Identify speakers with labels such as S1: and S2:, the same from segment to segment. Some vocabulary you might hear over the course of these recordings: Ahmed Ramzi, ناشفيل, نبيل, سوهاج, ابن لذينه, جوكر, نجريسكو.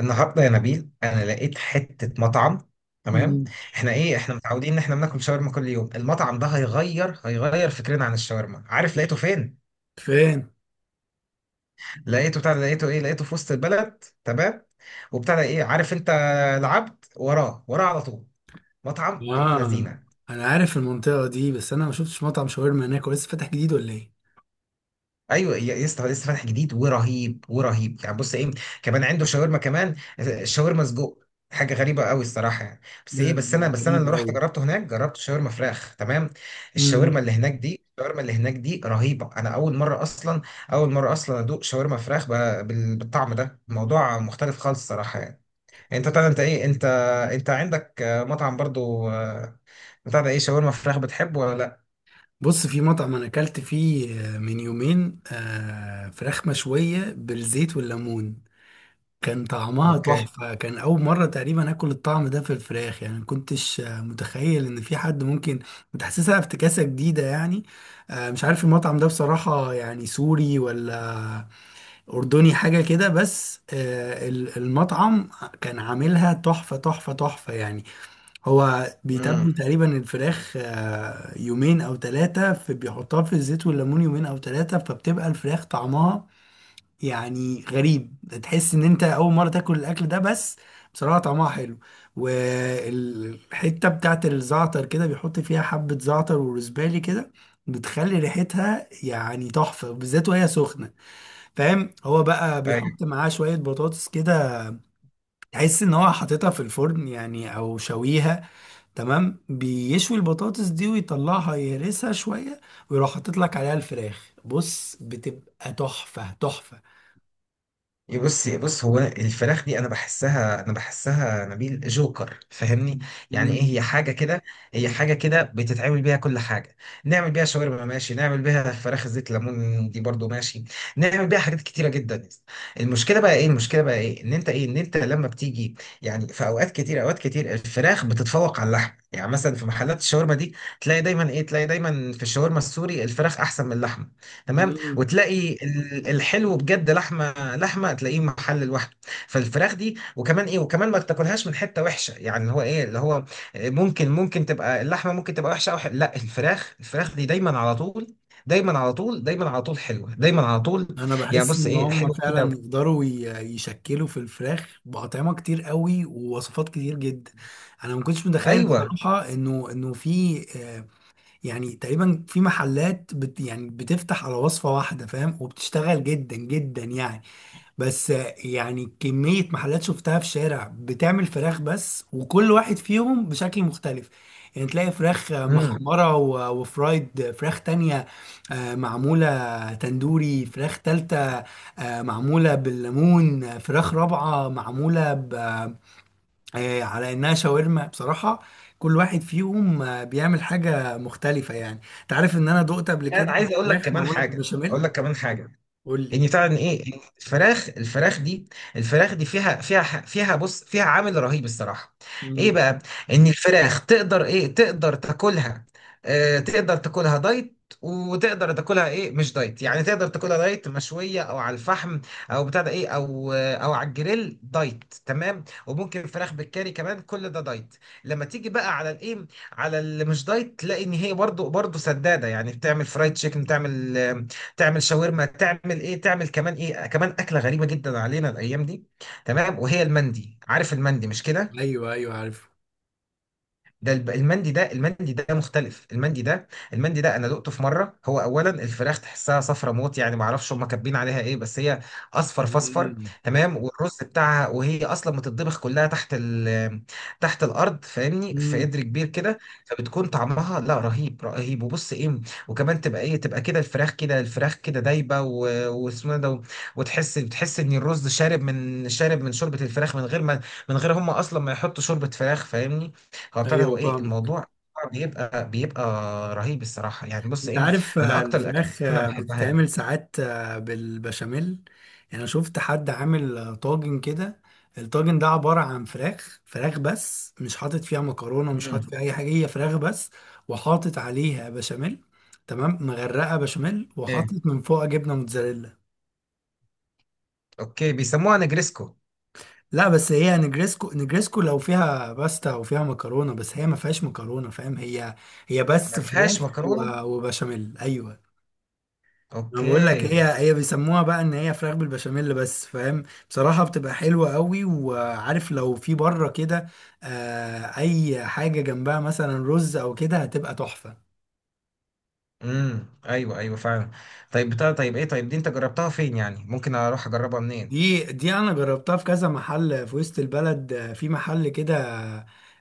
S1: النهارده يا نبيل انا لقيت حته مطعم. تمام.
S2: مم.
S1: احنا متعودين ان احنا بناكل شاورما كل يوم. المطعم ده هيغير فكرنا عن الشاورما. عارف لقيته فين؟
S2: فين؟
S1: لقيته بتاع ده- لقيته ايه لقيته في وسط البلد. تمام. وبتاع ده ايه عارف انت؟ العبد وراه وراه على طول. مطعم ابن
S2: اه،
S1: لذينه.
S2: انا عارف المنطقه دي، بس انا ما شفتش مطعم شاورما هناك. هو لسه فاتح جديد ولا ايه؟
S1: ايوه يا اسطى، لسه فاتح جديد ورهيب ورهيب. يعني بص ايه كمان عنده شاورما. كمان شاورما سجق، حاجه غريبه قوي الصراحه يعني. بس
S2: ده
S1: ايه بس
S2: دي
S1: انا بس انا اللي
S2: غريبة
S1: رحت
S2: أوي.
S1: جربته هناك، جربت شاورما فراخ. تمام.
S2: مم.
S1: الشاورما اللي هناك دي رهيبه. انا اول مره اصلا اول مره اصلا ادوق شاورما فراخ بالطعم ده. الموضوع مختلف خالص الصراحه يعني. انت طبعا انت ايه انت انت عندك مطعم برضو بتاع ده ايه شاورما فراخ، بتحبه ولا لا؟
S2: بص، في مطعم انا اكلت فيه من يومين فراخ مشويه بالزيت والليمون. كان طعمها
S1: اوكي.
S2: تحفه، كان اول مره تقريبا اكل الطعم ده في الفراخ، يعني ما كنتش متخيل ان في حد ممكن متحسسها افتكاسه جديده يعني. مش عارف المطعم ده بصراحه، يعني سوري ولا أردني حاجة كده، بس المطعم كان عاملها تحفة تحفة تحفة يعني. هو بيتبل
S1: امم.
S2: تقريبا الفراخ يومين أو ثلاثة، في بيحطها في الزيت والليمون يومين أو ثلاثة، فبتبقى الفراخ طعمها يعني غريب. تحس إن أنت أول مرة تاكل الأكل ده. بس بصراحة طعمها حلو. والحتة بتاعت الزعتر كده بيحط فيها حبة زعتر وروزبالي، كده بتخلي ريحتها يعني تحفة، بالذات وهي سخنة. فاهم؟ هو بقى بيحط معاه شوية بطاطس كده تحس ان هو حاططها في الفرن يعني، او شويها. تمام، بيشوي البطاطس دي ويطلعها يهرسها شوية، ويروح حاطط لك عليها الفراخ، بص بتبقى تحفة تحفة.
S1: إيه، بص إيه، بص هو الفراخ دي، انا بحسها نبيل جوكر، فاهمني؟ يعني ايه،
S2: مم.
S1: هي حاجه كده. هي حاجه كده بتتعمل بيها كل حاجه. نعمل بيها شاورما ماشي، نعمل بيها فراخ زيت ليمون دي برضو ماشي، نعمل بيها حاجات كتيره جدا. المشكله بقى ايه، ان انت لما بتيجي يعني، في اوقات كتير، اوقات كتير الفراخ بتتفوق على اللحم. يعني مثلا في محلات الشاورما دي، تلاقي دايما في الشاورما السوري الفراخ احسن من اللحمه. تمام.
S2: مم.
S1: وتلاقي الحلو بجد لحمه، لحمه تلاقيه محل لوحده. فالفراخ دي وكمان ما تاكلهاش من حته وحشه، يعني اللي هو ممكن، ممكن تبقى اللحمه ممكن تبقى وحشه او حلوة. لا، الفراخ، الفراخ دي دايما على طول، دايما على طول، دايما على طول حلوه، دايما على طول.
S2: انا
S1: يعني
S2: بحس
S1: بص
S2: ان
S1: ايه
S2: هم
S1: حلوه
S2: فعلا
S1: كده.
S2: يقدروا يشكلوا في الفراخ باطعمة كتير قوي ووصفات كتير جدا. انا ما كنتش متخيل
S1: ايوه.
S2: بصراحة انه في يعني تقريبا في محلات يعني بتفتح على وصفة واحدة، فاهم؟ وبتشتغل جدا جدا يعني. بس يعني كمية محلات شفتها في شارع بتعمل فراخ بس، وكل واحد فيهم بشكل مختلف. يعني تلاقي فراخ
S1: امم.
S2: محمرة و- وفرايد، فراخ تانية معمولة تندوري، فراخ تالتة معمولة بالليمون، فراخ رابعة معمولة على انها شاورما بصراحه. كل واحد فيهم بيعمل حاجه مختلفه. يعني انت عارف ان انا دقت قبل
S1: لا، انا
S2: كده
S1: عايز اقول لك
S2: فراخ
S1: كمان
S2: معموله
S1: حاجه اقول
S2: بالبشاميل.
S1: لك كمان حاجه،
S2: قول لي.
S1: يعني بتاع ان فعلا إن الفراخ، الفراخ دي فيها، فيها ح- فيها بص فيها عامل رهيب الصراحه. ايه
S2: مم.
S1: بقى؟ ان الفراخ تقدر تاكلها، آه تقدر تاكلها دايت، وتقدر تاكلها ايه مش دايت. يعني تقدر تاكلها دايت مشويه او على الفحم، او بتاع ده ايه او آه، او على الجريل دايت، تمام. وممكن فراخ بالكاري كمان، كل ده دايت. لما تيجي بقى على الايه على اللي مش دايت، تلاقي ان هي برضو، برضو سداده. يعني بتعمل فرايد تشيكن، بتعمل شاورما، تعمل كمان ايه كمان اكله غريبه جدا علينا الايام دي، تمام. وهي المندي، عارف المندي مش كده؟
S2: ايوه، ايوه، عارف.
S1: ده المندي ده مختلف. المندي ده انا دقته في مره. هو اولا الفراخ تحسها صفرة موت، يعني ما اعرفش هم كاتبين عليها ايه، بس هي اصفر فاصفر.
S2: مم.
S1: تمام. والرز بتاعها، وهي اصلا متطبخ كلها تحت ال، تحت الارض، فاهمني؟ في
S2: مم.
S1: قدر كبير كده. فبتكون طعمها لا رهيب، رهيب. وبص ايه وكمان تبقى تبقى كده، الفراخ كده، الفراخ كده دايبه واسمه إيه ده، بتحس ان الرز شارب، من شوربه الفراخ، من غير ما، من غير هم اصلا ما يحطوا شوربه فراخ، فاهمني؟ فابتدى
S2: ايوه،
S1: هو ايه
S2: فاهمك.
S1: الموضوع بيبقى رهيب الصراحه يعني. بص
S2: انت
S1: ايه
S2: عارف
S1: من اكتر الاكلات
S2: الفراخ
S1: اللي انا بحبها يعني.
S2: بتتعمل ساعات بالبشاميل يعني. انا شفت حد عامل طاجن كده. الطاجن ده عبارة عن فراخ فراخ بس، مش حاطط فيها مكرونة، مش حاطط
S1: امم.
S2: فيها اي حاجة، هي فراخ بس. وحاطط عليها بشاميل. تمام، مغرقة بشاميل،
S1: ايه؟
S2: وحاطط من فوق جبنة موتزاريلا.
S1: اوكي، بيسموها نجريسكو.
S2: لا، بس هي نجريسكو، نجريسكو لو فيها باستا وفيها مكرونة، بس هي ما فيهاش مكرونة. فاهم؟ هي هي
S1: ما
S2: بس فراخ
S1: فيهاش مكرونه.
S2: و- وبشاميل، ايوه. انا بقول لك
S1: اوكي.
S2: هي هي بيسموها بقى ان هي فراخ بالبشاميل بس، فاهم؟ بصراحه بتبقى حلوه قوي. وعارف، لو في بره كده اي حاجه جنبها مثلا رز او كده هتبقى تحفه.
S1: امم. ايوه، ايوه فعلا. طيب، بتاع طيب ايه طيب دي انت جربتها فين يعني؟ ممكن اروح اجربها منين؟
S2: دي انا جربتها في كذا محل في وسط البلد، في محل كده.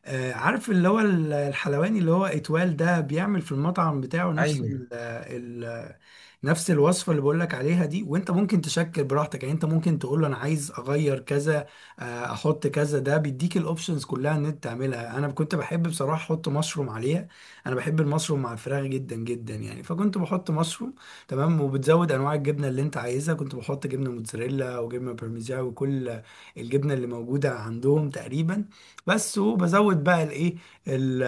S2: عارف اللي هو الحلواني اللي هو اتوال ده بيعمل في المطعم بتاعه نفس
S1: ايوه.
S2: ال ال نفس الوصفة اللي بقولك عليها دي. وانت ممكن تشكل براحتك، يعني انت ممكن تقول له انا عايز اغير كذا، احط كذا. ده بيديك الاوبشنز كلها ان انت تعملها. انا كنت بحب بصراحة احط مشروم عليها. انا بحب المشروم مع الفراخ جدا جدا يعني، فكنت بحط مشروم. تمام، وبتزود انواع الجبنه اللي انت عايزها. كنت بحط جبنه موتزاريلا وجبنه بارميجان وكل الجبنه اللي موجوده عندهم تقريبا. بس، وبزود بقى الايه، ال-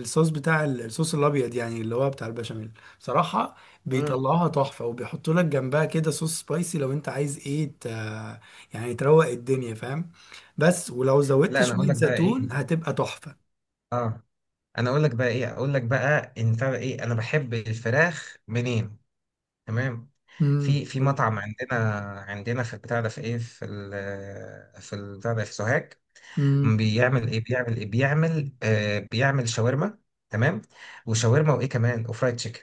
S2: الصوص بتاع الصوص الابيض يعني، اللي هو بتاع البشاميل. بصراحه
S1: امم.
S2: بيطلعوها تحفه، وبيحطوا لك جنبها كده صوص سبايسي لو انت عايز ايه يعني تروق الدنيا، فاهم؟ بس ولو زودت
S1: لا، انا اقول
S2: شويه
S1: لك بقى
S2: زيتون
S1: ايه
S2: هتبقى تحفه.
S1: اه انا اقول لك بقى ايه اقول لك بقى، ان بتاع ده ايه انا بحب الفراخ منين، تمام. في مطعم عندنا، عندنا في البتاع ده في ايه في ال في البتاع ده في سوهاج. بيعمل ايه بيعمل ايه بيعمل آه بيعمل شاورما، تمام. وشاورما وايه كمان وفرايد تشيكن.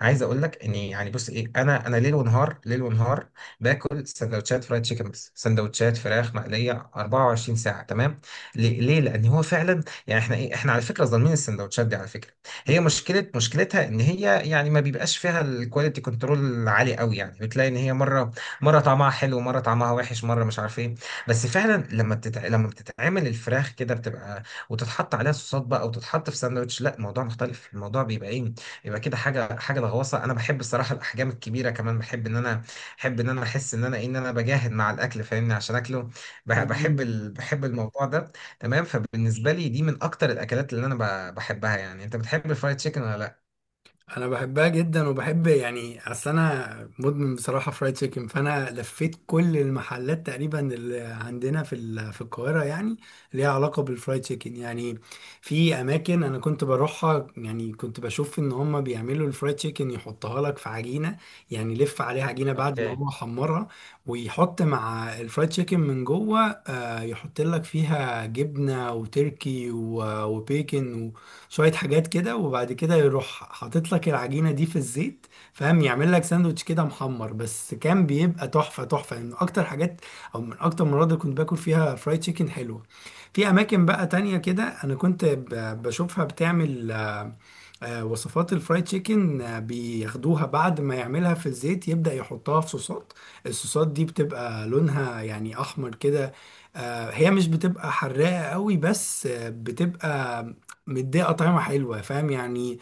S1: عايز اقول لك ان يعني بص ايه انا ليل ونهار، ليل ونهار باكل سندوتشات فرايد تشيكن، بس سندوتشات فراخ مقليه 24 ساعه. تمام. ليه؟ ليه؟ لان هو فعلا يعني احنا ايه احنا على فكره ظالمين السندوتشات دي على فكره. هي مشكله، مشكلتها ان هي يعني ما بيبقاش فيها الكواليتي كنترول عالي قوي. يعني بتلاقي ان هي مره، مره طعمها حلو، مره طعمها وحش، مره مش عارف ايه. بس فعلا لما بتتعمل الفراخ كده، بتبقى وتتحط عليها صوصات بقى، او تتحط في ساندوتش، لا الموضوع مختلف. الموضوع بيبقى ايه بيبقى كده حاجه، حاجه لغواصه. انا بحب الصراحه الاحجام الكبيره كمان. بحب ان انا احس ان انا بجاهد مع الاكل فاهمني، عشان اكله.
S2: امم.
S1: بحب الموضوع ده تمام. فبالنسبه لي، دي من اكتر الاكلات اللي انا بحبها يعني. انت بتحب الفرايد تشيكن ولا لا؟
S2: انا بحبها جدا وبحب يعني، اصل انا مدمن بصراحه فرايد تشيكن، فانا لفيت كل المحلات تقريبا اللي عندنا في في القاهره يعني، ليها علاقه بالفرايد تشيكن يعني. في اماكن انا كنت بروحها، يعني كنت بشوف ان هم بيعملوا الفرايد تشيكن يحطها لك في عجينه. يعني يلف عليها عجينه بعد ما هو حمرها، ويحط مع الفرايد تشيكن من جوه يحط لك فيها جبنه وتركي و- وبيكن، شوية حاجات كده. وبعد كده يروح حاطط لك العجينة دي في الزيت، فاهم؟ يعمل لك ساندوتش كده محمر، بس كان بيبقى تحفة تحفة يعني. من أكتر حاجات أو من أكتر المرات اللي كنت باكل فيها فرايد تشيكن حلوة. في أماكن بقى تانية كده، أنا كنت بشوفها بتعمل وصفات الفرايد تشيكن، بياخدوها بعد ما يعملها في الزيت، يبدأ يحطها في صوصات. الصوصات دي بتبقى لونها يعني أحمر كده. هي مش بتبقى حراقة قوي، بس بتبقى مدية طعمة حلوة، فاهم يعني؟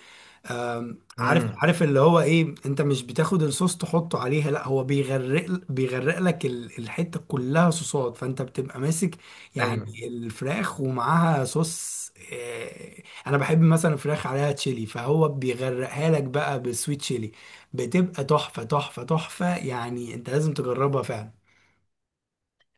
S2: عارف اللي هو ايه، انت مش بتاخد الصوص تحطه عليها، لا، هو بيغرق لك الحتة كلها صوصات، فانت بتبقى ماسك يعني
S1: امم.
S2: الفراخ ومعاها صوص. آه، انا بحب مثلا فراخ عليها تشيلي، فهو بيغرقها لك بقى بالسويت تشيلي، بتبقى تحفة تحفة تحفة يعني. انت لازم تجربها فعلا.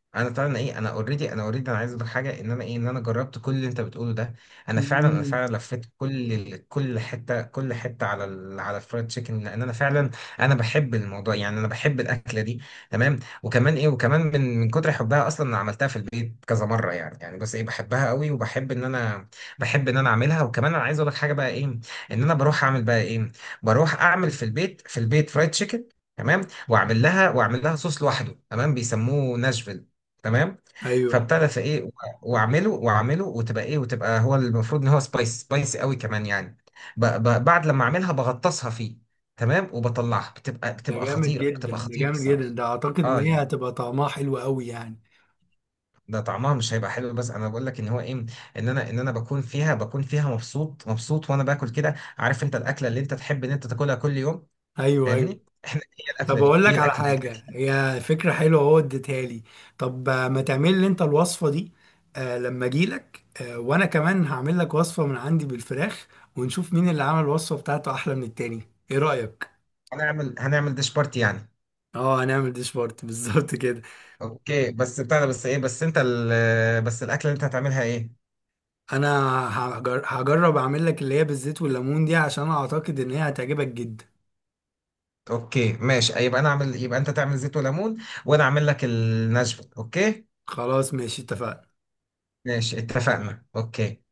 S1: انا طبعا انا اوريدي، انا اوريدي، انا عايز اقول حاجه ان انا ايه ان انا جربت كل اللي انت بتقوله ده. انا فعلا انا
S2: مم.
S1: فعلا لفيت كل حته على على الفرايد تشيكن، لان انا فعلا انا بحب الموضوع يعني، انا بحب الاكله دي تمام. وكمان من، من كتر حبها اصلا انا عملتها في البيت كذا مره يعني. يعني بس ايه بحبها قوي وبحب ان انا، بحب ان انا اعملها. وكمان انا عايز اقول لك حاجه، بقى ايه ان انا بروح اعمل، بقى ايه بروح اعمل في البيت، فرايد تشيكن، تمام. واعمل لها صوص لوحده، تمام، بيسموه ناشفيل، تمام.
S2: ايوه.
S1: فابتدى في ايه و- واعمله واعمله وتبقى ايه وتبقى هو المفروض ان هو سبايس، سبايس قوي كمان يعني. ب ب بعد لما اعملها بغطسها فيه، تمام، وبطلعها،
S2: ده
S1: بتبقى
S2: جامد
S1: خطيره،
S2: جدا،
S1: بتبقى
S2: ده
S1: خطيره
S2: جامد جدا،
S1: الصراحه.
S2: ده اعتقد ان
S1: اه
S2: هي
S1: يعني،
S2: هتبقى طعمها حلو قوي يعني.
S1: ده طعمها مش هيبقى حلو، بس انا بقول لك ان هو ايه ان انا ان انا بكون فيها مبسوط، مبسوط وانا باكل كده. عارف انت الاكله اللي انت تحب ان انت تاكلها كل يوم
S2: ايوه، ايوه.
S1: فاهمني؟ احنا هي الاكله
S2: طب
S1: دي،
S2: اقول
S1: هي
S2: لك على
S1: الاكله دي.
S2: حاجه، هي فكره حلوه هو اديتها لي. طب، ما تعمل لي انت الوصفه دي. آه، لما اجي لك، آه، وانا كمان هعمل لك وصفه من عندي بالفراخ، ونشوف مين اللي عمل الوصفه بتاعته احلى من التاني. ايه رايك؟
S1: هنعمل ديش بارتي يعني.
S2: اه، هنعمل ديش بارت بالظبط كده.
S1: اوكي، بس بتاع ده بس ايه بس انت بس الاكله اللي انت هتعملها ايه؟
S2: انا هجرب اعمل لك اللي هي بالزيت والليمون دي، عشان اعتقد ان هي هتعجبك جدا.
S1: اوكي ماشي، يبقى انا اعمل، يبقى انت تعمل زيت وليمون، وانا اعمل لك النشفه. اوكي
S2: خلاص، ماشي، اتفقنا.
S1: ماشي، اتفقنا. اوكي.